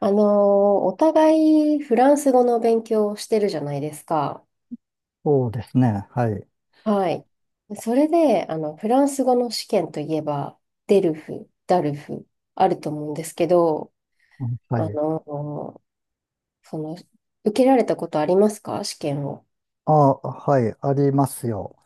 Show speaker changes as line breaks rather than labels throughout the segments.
あのー、お互いフランス語の勉強をしてるじゃないですか。
そうですね。はい。
はい。それで、フランス語の試験といえば、デルフ、ダルフ、あると思うんですけど、
うん、は
あ
い。
のー、その、受けられたことありますか試験を？
あ、はい。ありますよ。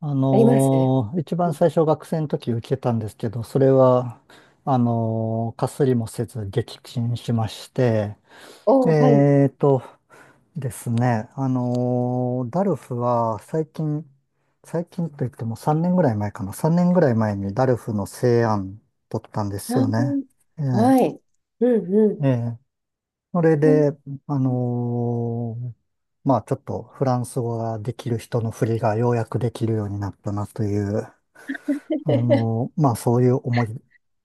あります
一
う
番
ん
最初学生の時受けたんですけど、それは、かすりもせず撃沈しまして、
おー、はい。
えーとですね、ダルフは最近、最近といっても3年ぐらい前かな。3年ぐらい前にダルフの成案取ったんで
あ
すよね。
ー
え
はい。うんうん。
え、ええ、それで、あのーまあちょっとフランス語ができる人の振りがようやくできるようになったなという、まあそういう思い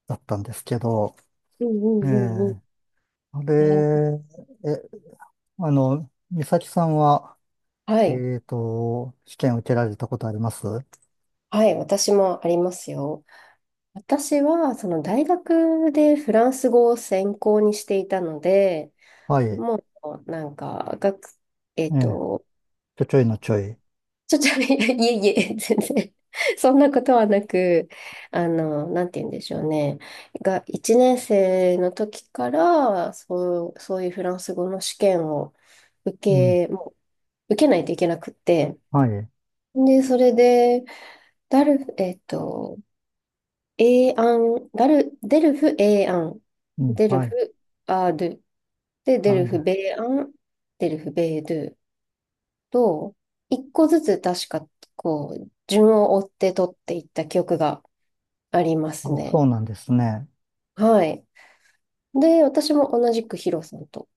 だったんですけど、
うんう
え
んうんうんうん。
え、あれ、
あー
え、美咲さんは、
はい。
試験受けられたことあります？
はい。私もありますよ。私は、その大学でフランス語を専攻にしていたので、
はい。え
もう、なんか、学、えっ
え、
と、
ちょちょいのちょい。
ちょ、ちょ、いやいえいえ、全然、そんなことはなく、なんて言うんでしょうね。が、1年生の時から、そういうフランス語の試験を受
うん。
け、も受けないといけなくって、
はい。
で、それで、ダル、えっと、エーアン、ダル、デルフ、エーアン、
うん。
デル
はい。
フ、アードゥ。で、デ
あ、
ル
で、
フ、ベーアン、デルフ、ベードゥと、一個ずつ確か、こう、順を追って取っていった記憶がありま
あ、
すね。
そうなんですね。
はい。で、私も同じくヒロさんと、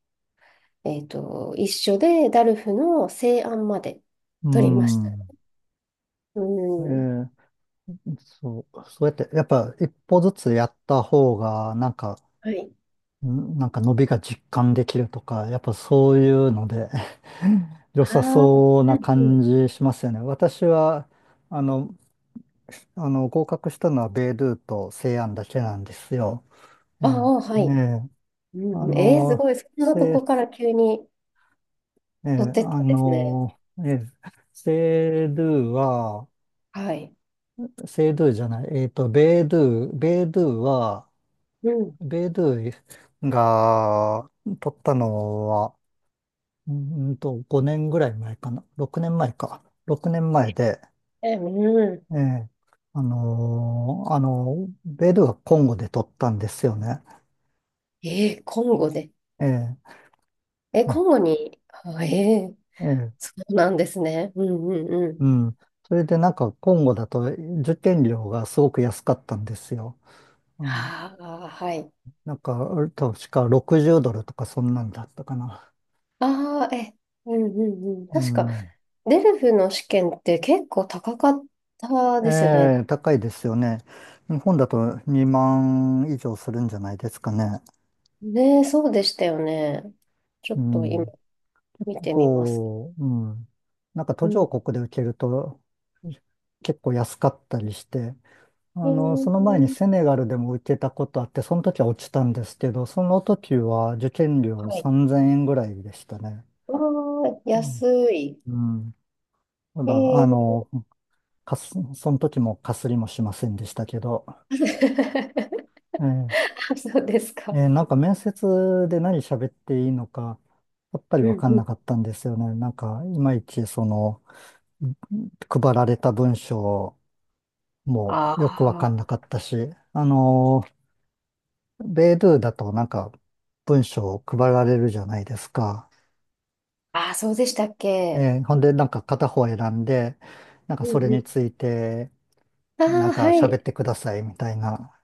一緒で、ダルフの西安まで
う
取りました。
ん。
うん。
ええ、そう、そうやって、やっぱ一歩ずつやった方が、なんか、
はい。
んなんか伸びが実感できるとか、やっぱそういうので 良
あ
さ
あ、
そう
う
な
んう
感
ん。
じしますよね。私は、あの、合格したのはベイドゥと西安だけなんですよ。え
あ
え、
あ、は
え
い。
え、あ
うん、す
の、
ごい。そんなと
せ、
こから急に
ええ、
取ってったんですね。
ええ、セイドゥは、
はい。
セイドゥじゃない、ベイドゥは、
うん。
ベイドゥイが取ったのは、5年ぐらい前かな。6年前か。6年前で、
え、うん。
ええ、ベイドゥイがコンゴで取ったんですよね。
コンゴで。
ええ、
え、
うん、
コンゴに、あ、
ええ、
そうなんですね。うんうんうん。
うん。それでなんか、コンゴだと受験料がすごく安かったんですよ。はい。
ああ、はい。
なんか、確か60ドルとかそんなんだったかな。
ああ、え、うんうんうん。
う
確か、
ん。
デルフの試験って結構高かったですよね。
ええ、高いですよね。日本だと2万以上するんじゃないですかね。
ねえ、そうでしたよね。ちょ
う
っと今
ん。
見てみます。
うん。なんか
う
途上
ん。
国で受けると結構安かったりして、
え
その前に
ー、
セネガルでも受けたことあって、その時は落ちたんですけど、その時は受験料
はい。
3000円ぐらいでしたね。
ああ、
う
安
ん。
い。
うん。た
え
だ、
ー、
その時もかすりもしませんでしたけど、ええ、
そうですか。
なんか面接で何喋っていいのか、やっぱり
うん
わかん
う
な
ん。
かったんですよね。なんか、いまいちその、配られた文章も
あ
よくわかんなかったし、あのベイドゥだとなんか文章を配られるじゃないですか。
ああ、そうでしたっけ。
ほんでなんか片方選んで、なんか
う
それ
んう
につ
ん。
いて
あ
なん
あ、
か
は
喋っ
い。
てくださいみたいな。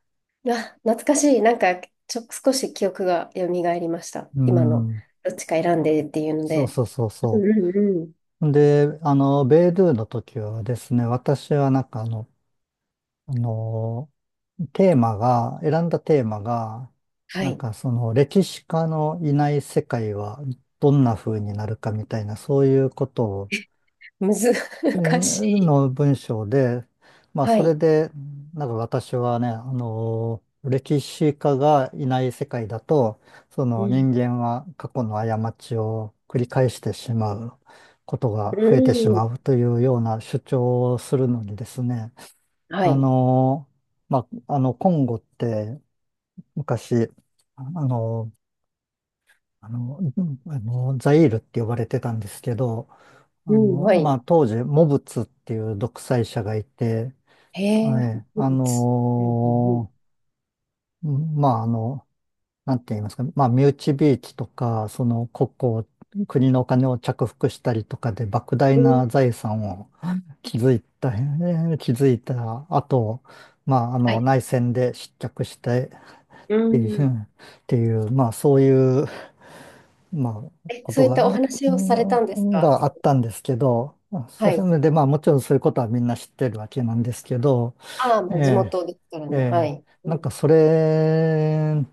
あ、懐かしい。なんか、少し記憶が蘇りました。
う
今の、
ん。
どっちか選んでっていうの
そう
で。
そうそう
うん
そ
うんうん。
う。で、ベイドゥの時はですね、私はなんかあの、テーマが、選んだテーマが、
は
なん
い。
かその歴史家のいない世界はどんな風になるかみたいな、そういうことを、えー
難しい。
の文章で、まあ
は
それ
い。
で、なんか私はね、歴史家がいない世界だと、そ
う
の人
ん
間は過去の過ちを繰り返してしまうことが
う
増えてしま
ん
うというような主張をするのにですね、
は
あ
い。
のまあ、コンゴって昔、あのーザイールって呼ばれてたんですけど、
うんは
ま
い。
あ、当時、モブツっていう独裁者がいて、
へえ、
はい、
ほうつうんうん
うん、まあ、なんて言いますか、まあ、身内びいきとか、その国庫を、国のお金を着服したりとかで、莫大
うん
な財産を築いた後、まあ、あ
は
の
い。
内戦で失脚してっ
う
ていう、
ん
まあそういう、まあ
え、
こ
そ
と
ういったお
が、
話
う
をされたんです
ん、
か？
があったんですけど、そ
はい。
れでまあもちろんそういうことはみんな知ってるわけなんですけど、
ああ、
え
まあ、地元ですから
え、え
ね。は
え、
い。う
なんか
ん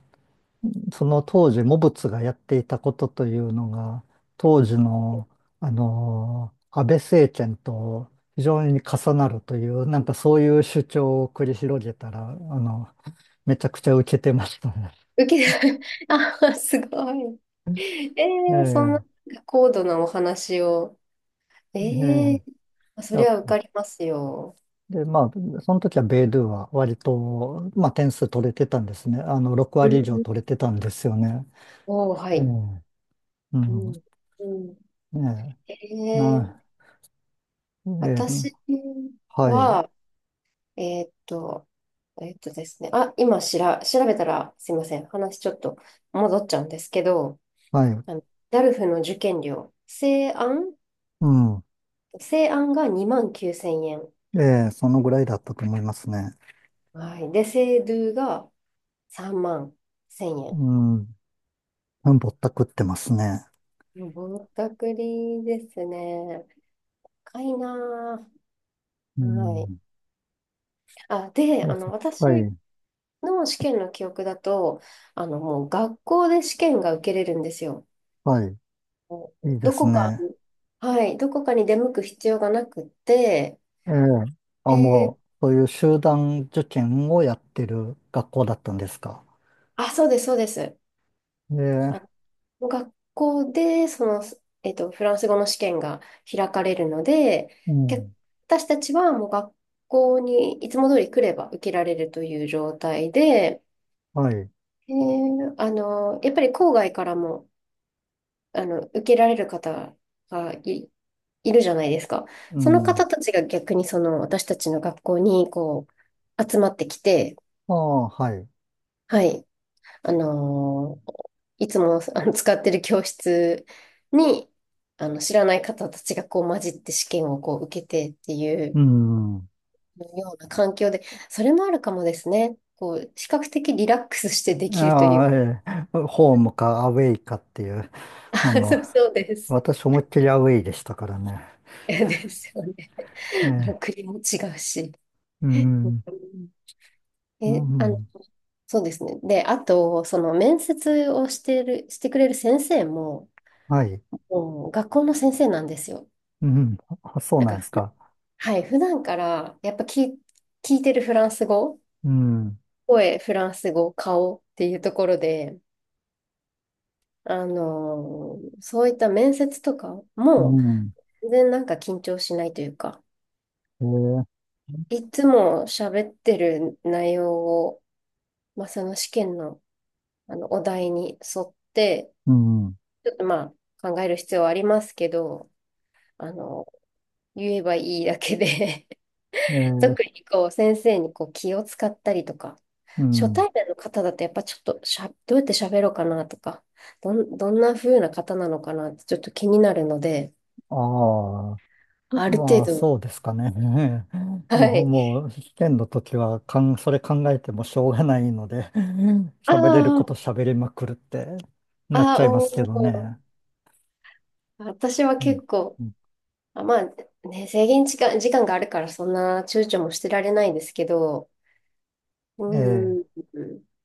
その当時、モブツがやっていたことというのが、当時の、安倍政権と非常に重なるという、なんかそういう主張を繰り広げたら、めちゃくちゃ受けてましたね。
受け、あ、すごい。え
え
そんな
え、
高度なお話を。え
ええ、
ー、そり
や、
ゃ受かりますよ。
で、まあ、その時はベイドゥは割と、まあ、点数取れてたんですね。6
う
割以上
ん
取れてたんですよね。
おお、は
う
い。
ん。う
う
ん。
ん。うん、
ねえ、
えー、
な、え
私
え、はい。
は、えーっと、ですね、あ、今しら、調べたら、すいません、話ちょっと戻っちゃうんですけど、
はい。
あの、ダルフの受験料、正案、
うん。
正案が2万9000円。
ええ、そのぐらいだったと思いますね。
はい。で、正ドゥが3万1000
う
円。
ん。うん、ぼったくってますね。
ぼったくりですね。高いな
う
ぁ。はい。
ん。
あ、で、
そうそう、
私
はい。
の試験の記憶だと、もう学校で試験が受けれるんですよ。
はい。いいで
ど
す
こか
ね。
に、はい、どこかに出向く必要がなくって、
ええ。あ、
えー
もう、そういう集団受験をやってる学校だったんですか。
あ、そうです、そうです。
ええ。
あ、学校で、フランス語の試験が開かれるので、
う
逆
ん。
私たちはもう学校にいつも通り来れば受けられるという状態で、
はい。
やっぱり郊外からも、受けられる方がいるじゃないですか。
う
その
ん。
方たちが逆にその私たちの学校にこう集まってきて、
ああ、はい。
はい。あのーいつも使ってる教室に、知らない方たちがこう混じって試験をこう受けてってい
う
う
ん。
ような環境で、それもあるかもですね。こう、比較的リラックスしてできると
あ
いう。
あ、ええ、ホームかアウェイかっていう、あ の、
そうそうです。
私思いっきりアウェイでしたからね。
ですよね。
ええ、
国も違うし。
うん、
うん
う
え、
ん、
そうですね。で、あと、その面接をしてくれる先生も、
はい。
もう学校の先生なんですよ。
うん、あ、そう
なん
なん
か
ですか。
はい、普段からやっぱ聞いてるフランス語、
うん、
声、フランス語、顔っていうところで、そういった面接とか
う
も
ん、
全然なんか緊張しないというか、
ええ、
いつも喋ってる内容を、まあ、その試験の、お題に沿って、
うん、
ちょっとまあ考える必要はありますけど、あの、言えばいいだけで
ええ、
特にこう先生にこう気を使ったりとか、
う
初
ん、
対面の方だとやっぱちょっとどうやって喋ろうかなとか、どんな風な方なのかなってちょっと気になるので、
ああ。
ある程
まあ、
度、
そうですかね。
は
もう、
い。
もう、試験の時はそれ考えてもしょうがないので、
あ
喋れること
ー
喋りまくるってなっ
あ
ち
ー、
ゃいますけ
お
どね。
ー私は
うん、
結構、
うん、
あ、まあね、制限時間、時間があるからそんな躊躇もしてられないですけど、
え
う
え、
ん。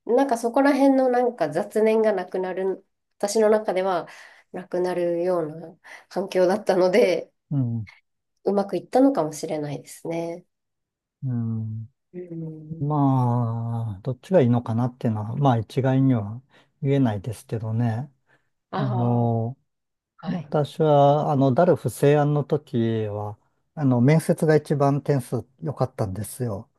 なんかそこら辺のなんか雑念がなくなる、私の中ではなくなるような環境だったので、
うん、
うまくいったのかもしれないですね。
うん。
うん。
まあ、どっちがいいのかなっていうのは、まあ、一概には言えないですけどね。
あ
あ
あ、
の、
はい。
私は、ダルフ西安の時は、面接が一番点数良かったんですよ。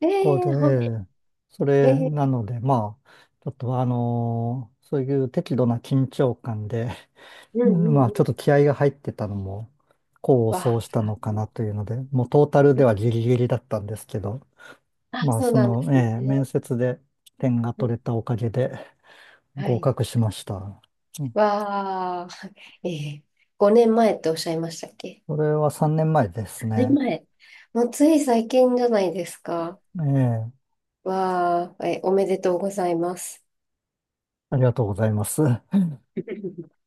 え
こうで、
え
え
ー、はい。
え、それ
ええ
なので、まあ、ちょっとそういう適度な緊張感で、
う
う
んう
ん、
ん
ま
う
あ、ちょっと
ん。
気合が入ってたのも、功を奏
わ
した
あ、
のかなというので、もうトータルではギリギリだったんですけど、
あ、
まあ、
そう
そ
なんで
の、
す
え
ね。
え、面接で点が
うん
取れたおかげで
は
合
い。
格しました。うん。
わあ、ええ5年前っておっしゃいましたっけ？
それは3年前です
5 年
ね。
前。もうつい最近じゃないですか。
ええ、
わあ、え、おめでとうございます。
ありがとうございます。